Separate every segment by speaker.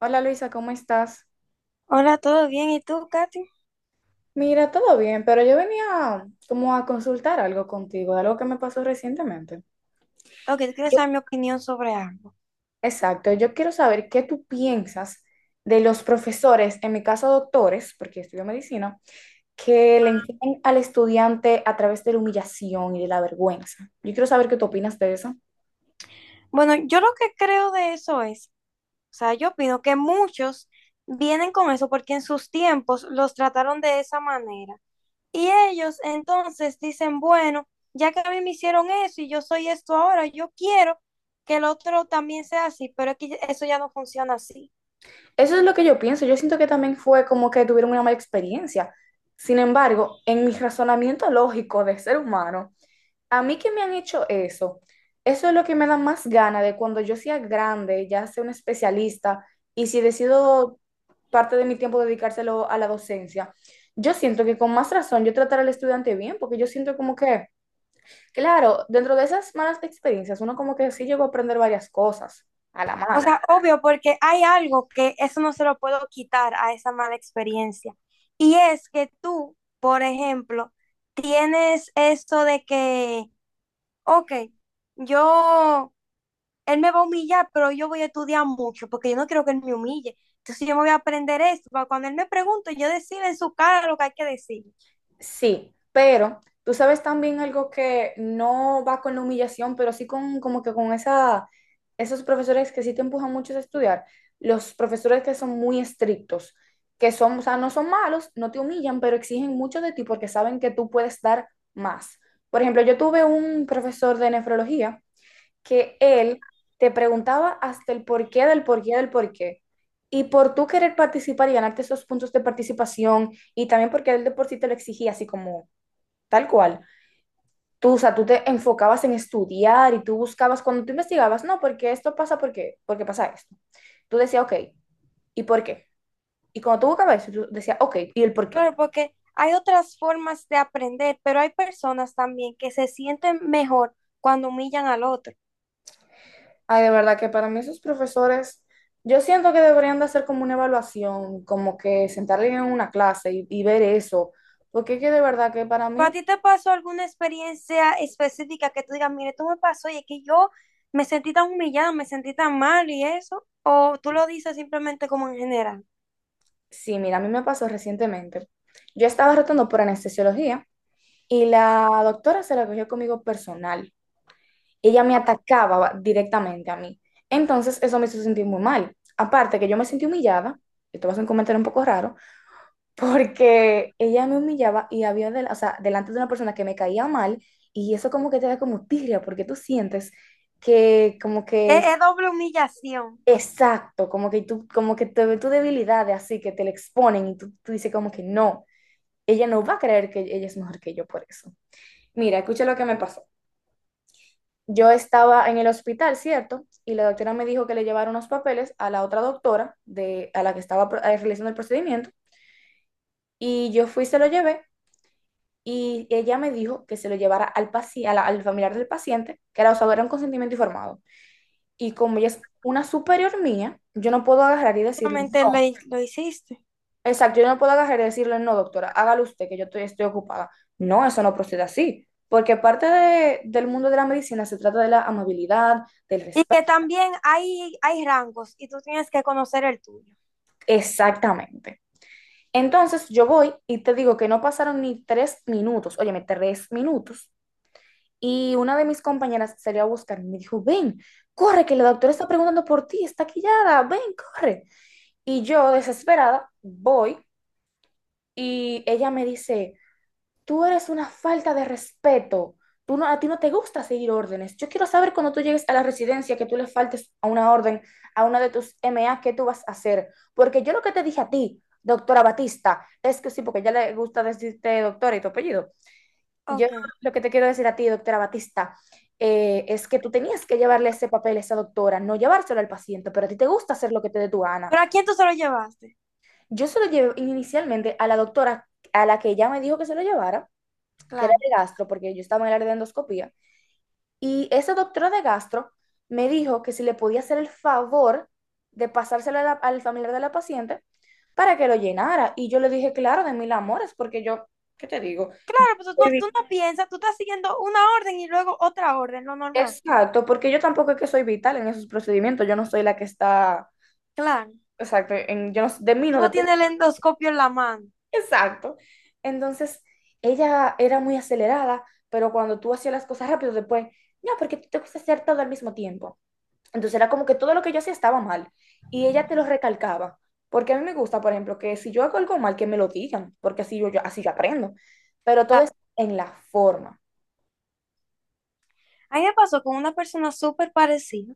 Speaker 1: Hola Luisa, ¿cómo estás?
Speaker 2: Hola, ¿todo bien? ¿Y tú, Katy?
Speaker 1: Mira, todo bien, pero yo venía como a consultar algo contigo, de algo que me pasó recientemente.
Speaker 2: Ok, tú quieres
Speaker 1: Yo-
Speaker 2: saber mi opinión sobre algo.
Speaker 1: Exacto, yo quiero saber qué tú piensas de los profesores, en mi caso doctores, porque estudio medicina, que le enseñan al estudiante a través de la humillación y de la vergüenza. Yo quiero saber qué tú opinas de eso.
Speaker 2: Bueno, yo lo que creo de eso es, o sea, yo opino que muchos vienen con eso porque en sus tiempos los trataron de esa manera. Y ellos entonces dicen, bueno, ya que a mí me hicieron eso y yo soy esto ahora, yo quiero que el otro también sea así, pero es que eso ya no funciona así.
Speaker 1: Eso es lo que yo pienso. Yo siento que también fue como que tuvieron una mala experiencia. Sin embargo, en mi razonamiento lógico de ser humano, a mí que me han hecho eso, eso es lo que me da más gana de cuando yo sea grande, ya sea un especialista, y si decido parte de mi tiempo dedicárselo a la docencia, yo siento que con más razón yo tratar al estudiante bien, porque yo siento como que, claro, dentro de esas malas experiencias, uno como que sí llegó a aprender varias cosas a la
Speaker 2: O
Speaker 1: mala.
Speaker 2: sea, obvio, porque hay algo que eso no se lo puedo quitar a esa mala experiencia. Y es que tú, por ejemplo, tienes eso de que, ok, yo, él me va a humillar, pero yo voy a estudiar mucho porque yo no quiero que él me humille. Entonces yo me voy a aprender esto para cuando él me pregunte, yo decirle en su cara lo que hay que decir.
Speaker 1: Sí, pero tú sabes también algo que no va con la humillación, pero sí con como que con esa, esos profesores que sí te empujan mucho a estudiar, los profesores que son muy estrictos, que son, o sea, no son malos, no te humillan, pero exigen mucho de ti porque saben que tú puedes dar más. Por ejemplo, yo tuve un profesor de nefrología que él te preguntaba hasta el porqué del porqué del porqué. Y por tú querer participar y ganarte esos puntos de participación, y también porque él de por sí te lo exigía, así como tal cual. Tú, o sea, tú te enfocabas en estudiar y tú buscabas, cuando tú investigabas, no, porque esto pasa, porque, porque pasa esto. Tú decías, ok, ¿y por qué? Y cuando tú buscabas eso, tú decías, ok, ¿y el por qué?
Speaker 2: Claro, porque hay otras formas de aprender, pero hay personas también que se sienten mejor cuando humillan al otro.
Speaker 1: Ay, de verdad que para mí esos profesores, yo siento que deberían de hacer como una evaluación, como que sentarle en una clase y ver eso, porque es que de verdad que para
Speaker 2: ¿Pero a
Speaker 1: mí,
Speaker 2: ti te pasó alguna experiencia específica que tú digas, mire, tú me pasó y es que yo me sentí tan humillada, me sentí tan mal y eso? ¿O tú lo dices simplemente como en general?
Speaker 1: sí, mira, a mí me pasó recientemente. Yo estaba rotando por anestesiología y la doctora se la cogió conmigo personal. Ella me atacaba directamente a mí. Entonces, eso me hizo sentir muy mal. Aparte que yo me sentí humillada, esto va a ser un comentario un poco raro, porque ella me humillaba y había, o sea, delante de una persona que me caía mal y eso como que te da como tirria porque tú sientes que como
Speaker 2: Que
Speaker 1: que es
Speaker 2: es doble humillación,
Speaker 1: exacto, como que tú, como que te ve tu debilidad de así, que te la exponen y tú dices como que no, ella no va a creer que ella es mejor que yo por eso. Mira, escucha lo que me pasó. Yo estaba en el hospital, ¿cierto? Y la doctora me dijo que le llevara unos papeles a la otra doctora de, a la que estaba realizando el procedimiento. Y yo fui, se lo llevé y ella me dijo que se lo llevara al, a al familiar del paciente, que era, o sea, era un consentimiento informado. Y como ella es una superior mía, yo no puedo agarrar y decirle,
Speaker 2: simplemente lo,
Speaker 1: no,
Speaker 2: lo hiciste.
Speaker 1: exacto, yo no puedo agarrar y decirle, no, doctora, hágalo usted, que yo estoy ocupada. No, eso no procede así, porque del mundo de la medicina se trata de la amabilidad, del
Speaker 2: Y
Speaker 1: respeto.
Speaker 2: que también hay rangos y tú tienes que conocer el tuyo.
Speaker 1: Exactamente. Entonces yo voy y te digo que no pasaron ni 3 minutos, óyeme, 3 minutos. Y una de mis compañeras salió a buscarme y me dijo, ven, corre, que la doctora está preguntando por ti, está quillada, ven, corre. Y yo, desesperada, voy y ella me dice, tú eres una falta de respeto, tú no, a ti no te gusta seguir órdenes. Yo quiero saber cuando tú llegues a la residencia que tú le faltes a una orden, a una de tus MA, ¿qué tú vas a hacer? Porque yo lo que te dije a ti, doctora Batista, es que sí, porque ya le gusta decirte doctora y tu apellido. Yo
Speaker 2: Ok.
Speaker 1: lo que te quiero decir a ti, doctora Batista, es que tú tenías que llevarle ese papel a esa doctora, no llevárselo al paciente, pero a ti te gusta hacer lo que te dé tu gana.
Speaker 2: ¿Pero a quién tú se lo llevaste?
Speaker 1: Yo se lo llevé inicialmente a la doctora a la que ella me dijo que se lo llevara, que era
Speaker 2: Claro.
Speaker 1: de gastro, porque yo estaba en el área de endoscopía, y esa doctora de gastro me dijo que si le podía hacer el favor de pasárselo a al familiar de la paciente para que lo llenara. Y yo le dije, claro, de mil amores, porque yo, ¿qué te digo?
Speaker 2: Claro, pues
Speaker 1: Estoy
Speaker 2: tú no piensas, tú estás siguiendo una orden y luego otra orden, lo normal.
Speaker 1: exacto, porque yo tampoco es que soy vital en esos procedimientos, yo no soy la que está,
Speaker 2: Claro.
Speaker 1: exacto, en, yo no- de mí
Speaker 2: Tú
Speaker 1: no
Speaker 2: no
Speaker 1: depende.
Speaker 2: tienes el endoscopio en la mano.
Speaker 1: Exacto. Entonces, ella era muy acelerada, pero cuando tú hacías las cosas rápido, después, no, porque tú te gusta hacer todo al mismo tiempo. Entonces era como que todo lo que yo hacía estaba mal y ella te lo recalcaba, porque a mí me gusta, por ejemplo, que si yo hago algo mal, que me lo digan, porque así así yo aprendo, pero todo
Speaker 2: Claro.
Speaker 1: es en la forma.
Speaker 2: A mí me pasó con una persona súper parecida,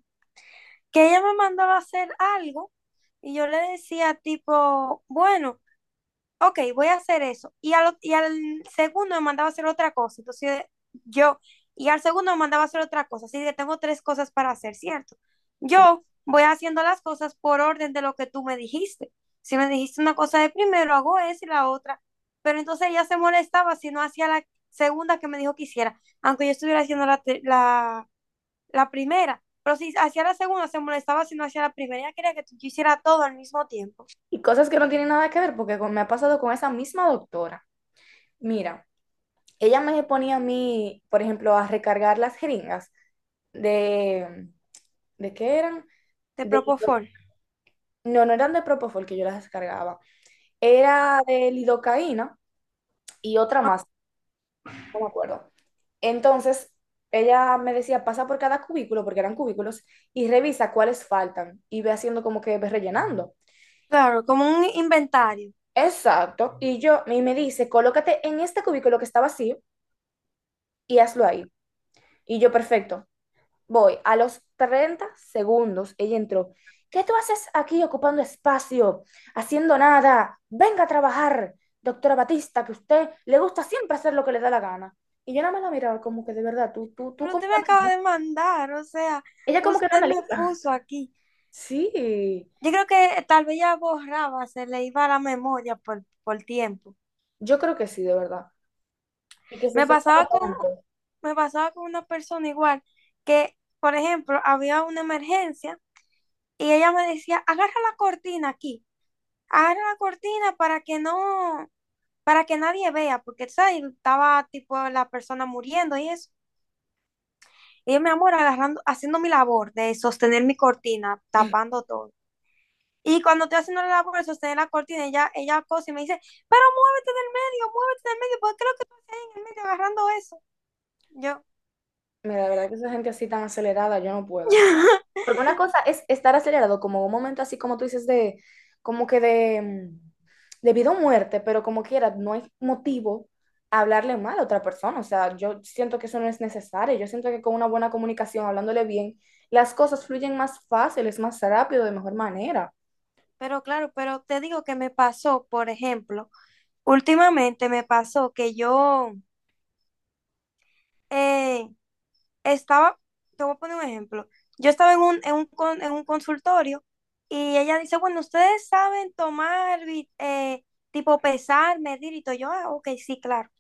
Speaker 2: que ella me mandaba a hacer algo y yo le decía tipo, bueno, ok, voy a hacer eso. Y al segundo me mandaba a hacer otra cosa. Entonces yo, y al segundo me mandaba a hacer otra cosa. Así que tengo tres cosas para hacer, ¿cierto?
Speaker 1: Sí,
Speaker 2: Yo voy haciendo las cosas por orden de lo que tú me dijiste. Si me dijiste una cosa de primero, hago esa y la otra. Pero entonces ella se molestaba si no hacía la segunda que me dijo que hiciera, aunque yo estuviera haciendo la, te- la la primera. Pero si hacía la segunda, se molestaba si no hacía la primera. Ella quería que tú hicieras todo al mismo tiempo.
Speaker 1: y cosas que no tienen nada que ver, porque me ha pasado con esa misma doctora. Mira, ella me ponía a mí, por ejemplo, a recargar las jeringas de, ¿de qué eran?
Speaker 2: Te
Speaker 1: De,
Speaker 2: propofol.
Speaker 1: no, no eran de Propofol que yo las descargaba, era de lidocaína y otra más, no me acuerdo. Entonces, ella me decía, pasa por cada cubículo, porque eran cubículos, y revisa cuáles faltan, y ve haciendo como que ve rellenando.
Speaker 2: Claro, como un inventario.
Speaker 1: Exacto, y yo, y me dice, colócate en este cubículo que está vacío y hazlo ahí. Y yo, perfecto, voy, a los 30 segundos, ella entró. ¿Qué tú haces aquí ocupando espacio, haciendo nada? Venga a trabajar, doctora Batista, que a usted le gusta siempre hacer lo que le da la gana. Y yo nada más la miraba como que de verdad, tú
Speaker 2: Pero
Speaker 1: como
Speaker 2: usted me acaba
Speaker 1: analiza.
Speaker 2: de mandar, o sea,
Speaker 1: Ella como que no
Speaker 2: usted me
Speaker 1: analiza.
Speaker 2: puso aquí.
Speaker 1: Sí,
Speaker 2: Yo creo que tal vez ya borraba, se le iba la memoria por tiempo.
Speaker 1: yo creo que sí, de verdad. Y que se
Speaker 2: Me
Speaker 1: desespera
Speaker 2: pasaba con,
Speaker 1: tanto.
Speaker 2: me pasaba con una persona igual que, por ejemplo, había una emergencia y ella me decía, agarra la cortina aquí, agarra la cortina para que no, para que nadie vea, porque ¿sabes? Estaba tipo la persona muriendo y eso. Y yo, mi amor, agarrando, haciendo mi labor de sostener mi cortina, tapando todo. Y cuando estoy haciendo la labor de sostener la cortina, ella cosa y me dice, pero muévete del medio, porque lo que tú estás en el medio agarrando eso. Yo,
Speaker 1: Mira, de verdad que esa gente así tan acelerada, yo no puedo. Porque una cosa es estar acelerado, como un momento así como tú dices de, como que de, de vida o muerte, pero como quiera, no hay motivo a hablarle mal a otra persona. O sea, yo siento que eso no es necesario. Yo siento que con una buena comunicación, hablándole bien, las cosas fluyen más fácil es más rápido, de mejor manera.
Speaker 2: pero claro, pero te digo que me pasó, por ejemplo, últimamente me pasó que yo eh, estaba, te voy a poner un ejemplo. Yo estaba en un, en un, en un consultorio y ella dice, bueno, ustedes saben tomar, tipo pesar, medir y todo. Yo, ah, ok, sí, claro.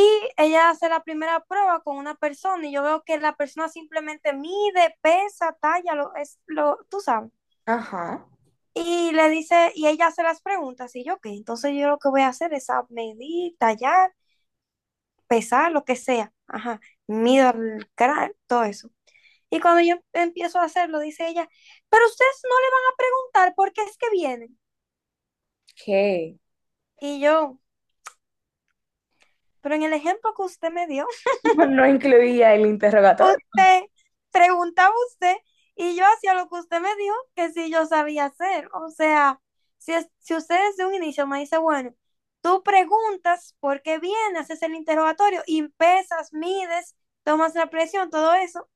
Speaker 2: Y ella hace la primera prueba con una persona y yo veo que la persona simplemente mide, pesa, talla, lo, es, lo, tú sabes.
Speaker 1: Ajá,
Speaker 2: Y le dice, y ella hace las preguntas y yo, ok, entonces yo lo que voy a hacer es a medir, tallar, pesar, lo que sea. Ajá, mido el cráneo, todo eso. Y cuando yo empiezo a hacerlo, dice ella, pero ustedes no le van a preguntar por qué es que vienen.
Speaker 1: ¿qué?
Speaker 2: Y yo, pero en el ejemplo que usted me dio,
Speaker 1: No incluía el interrogatorio.
Speaker 2: usted preguntaba usted y yo hacía lo que usted me dijo que sí yo sabía hacer. O sea, si, si usted desde un inicio me dice, bueno, tú preguntas por qué vienes, haces el interrogatorio y pesas, mides, tomas la presión, todo eso,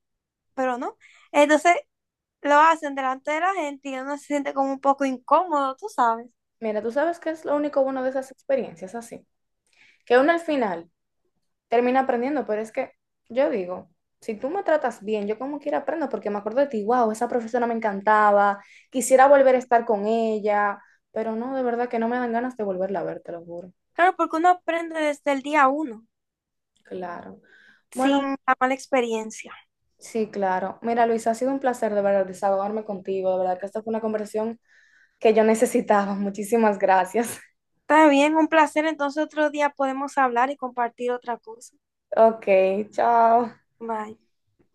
Speaker 2: pero no. Entonces lo hacen delante de la gente y uno se siente como un poco incómodo, tú sabes.
Speaker 1: Mira, tú sabes qué es lo único bueno de esas experiencias así, que uno al final termina aprendiendo, pero es que yo digo, si tú me tratas bien, yo como quiera aprendo, porque me acuerdo de ti, wow, esa profesora me encantaba, quisiera volver a estar con ella, pero no, de verdad que no me dan ganas de volverla a ver, te lo juro.
Speaker 2: Claro, porque uno aprende desde el día uno,
Speaker 1: Claro. Bueno,
Speaker 2: sin la mala experiencia.
Speaker 1: sí, claro. Mira, Luis, ha sido un placer de verdad desahogarme contigo, de verdad que esta fue una conversación que yo necesitaba. Muchísimas gracias.
Speaker 2: Está bien, un placer. Entonces otro día podemos hablar y compartir otra cosa.
Speaker 1: Ok, chao.
Speaker 2: Bye.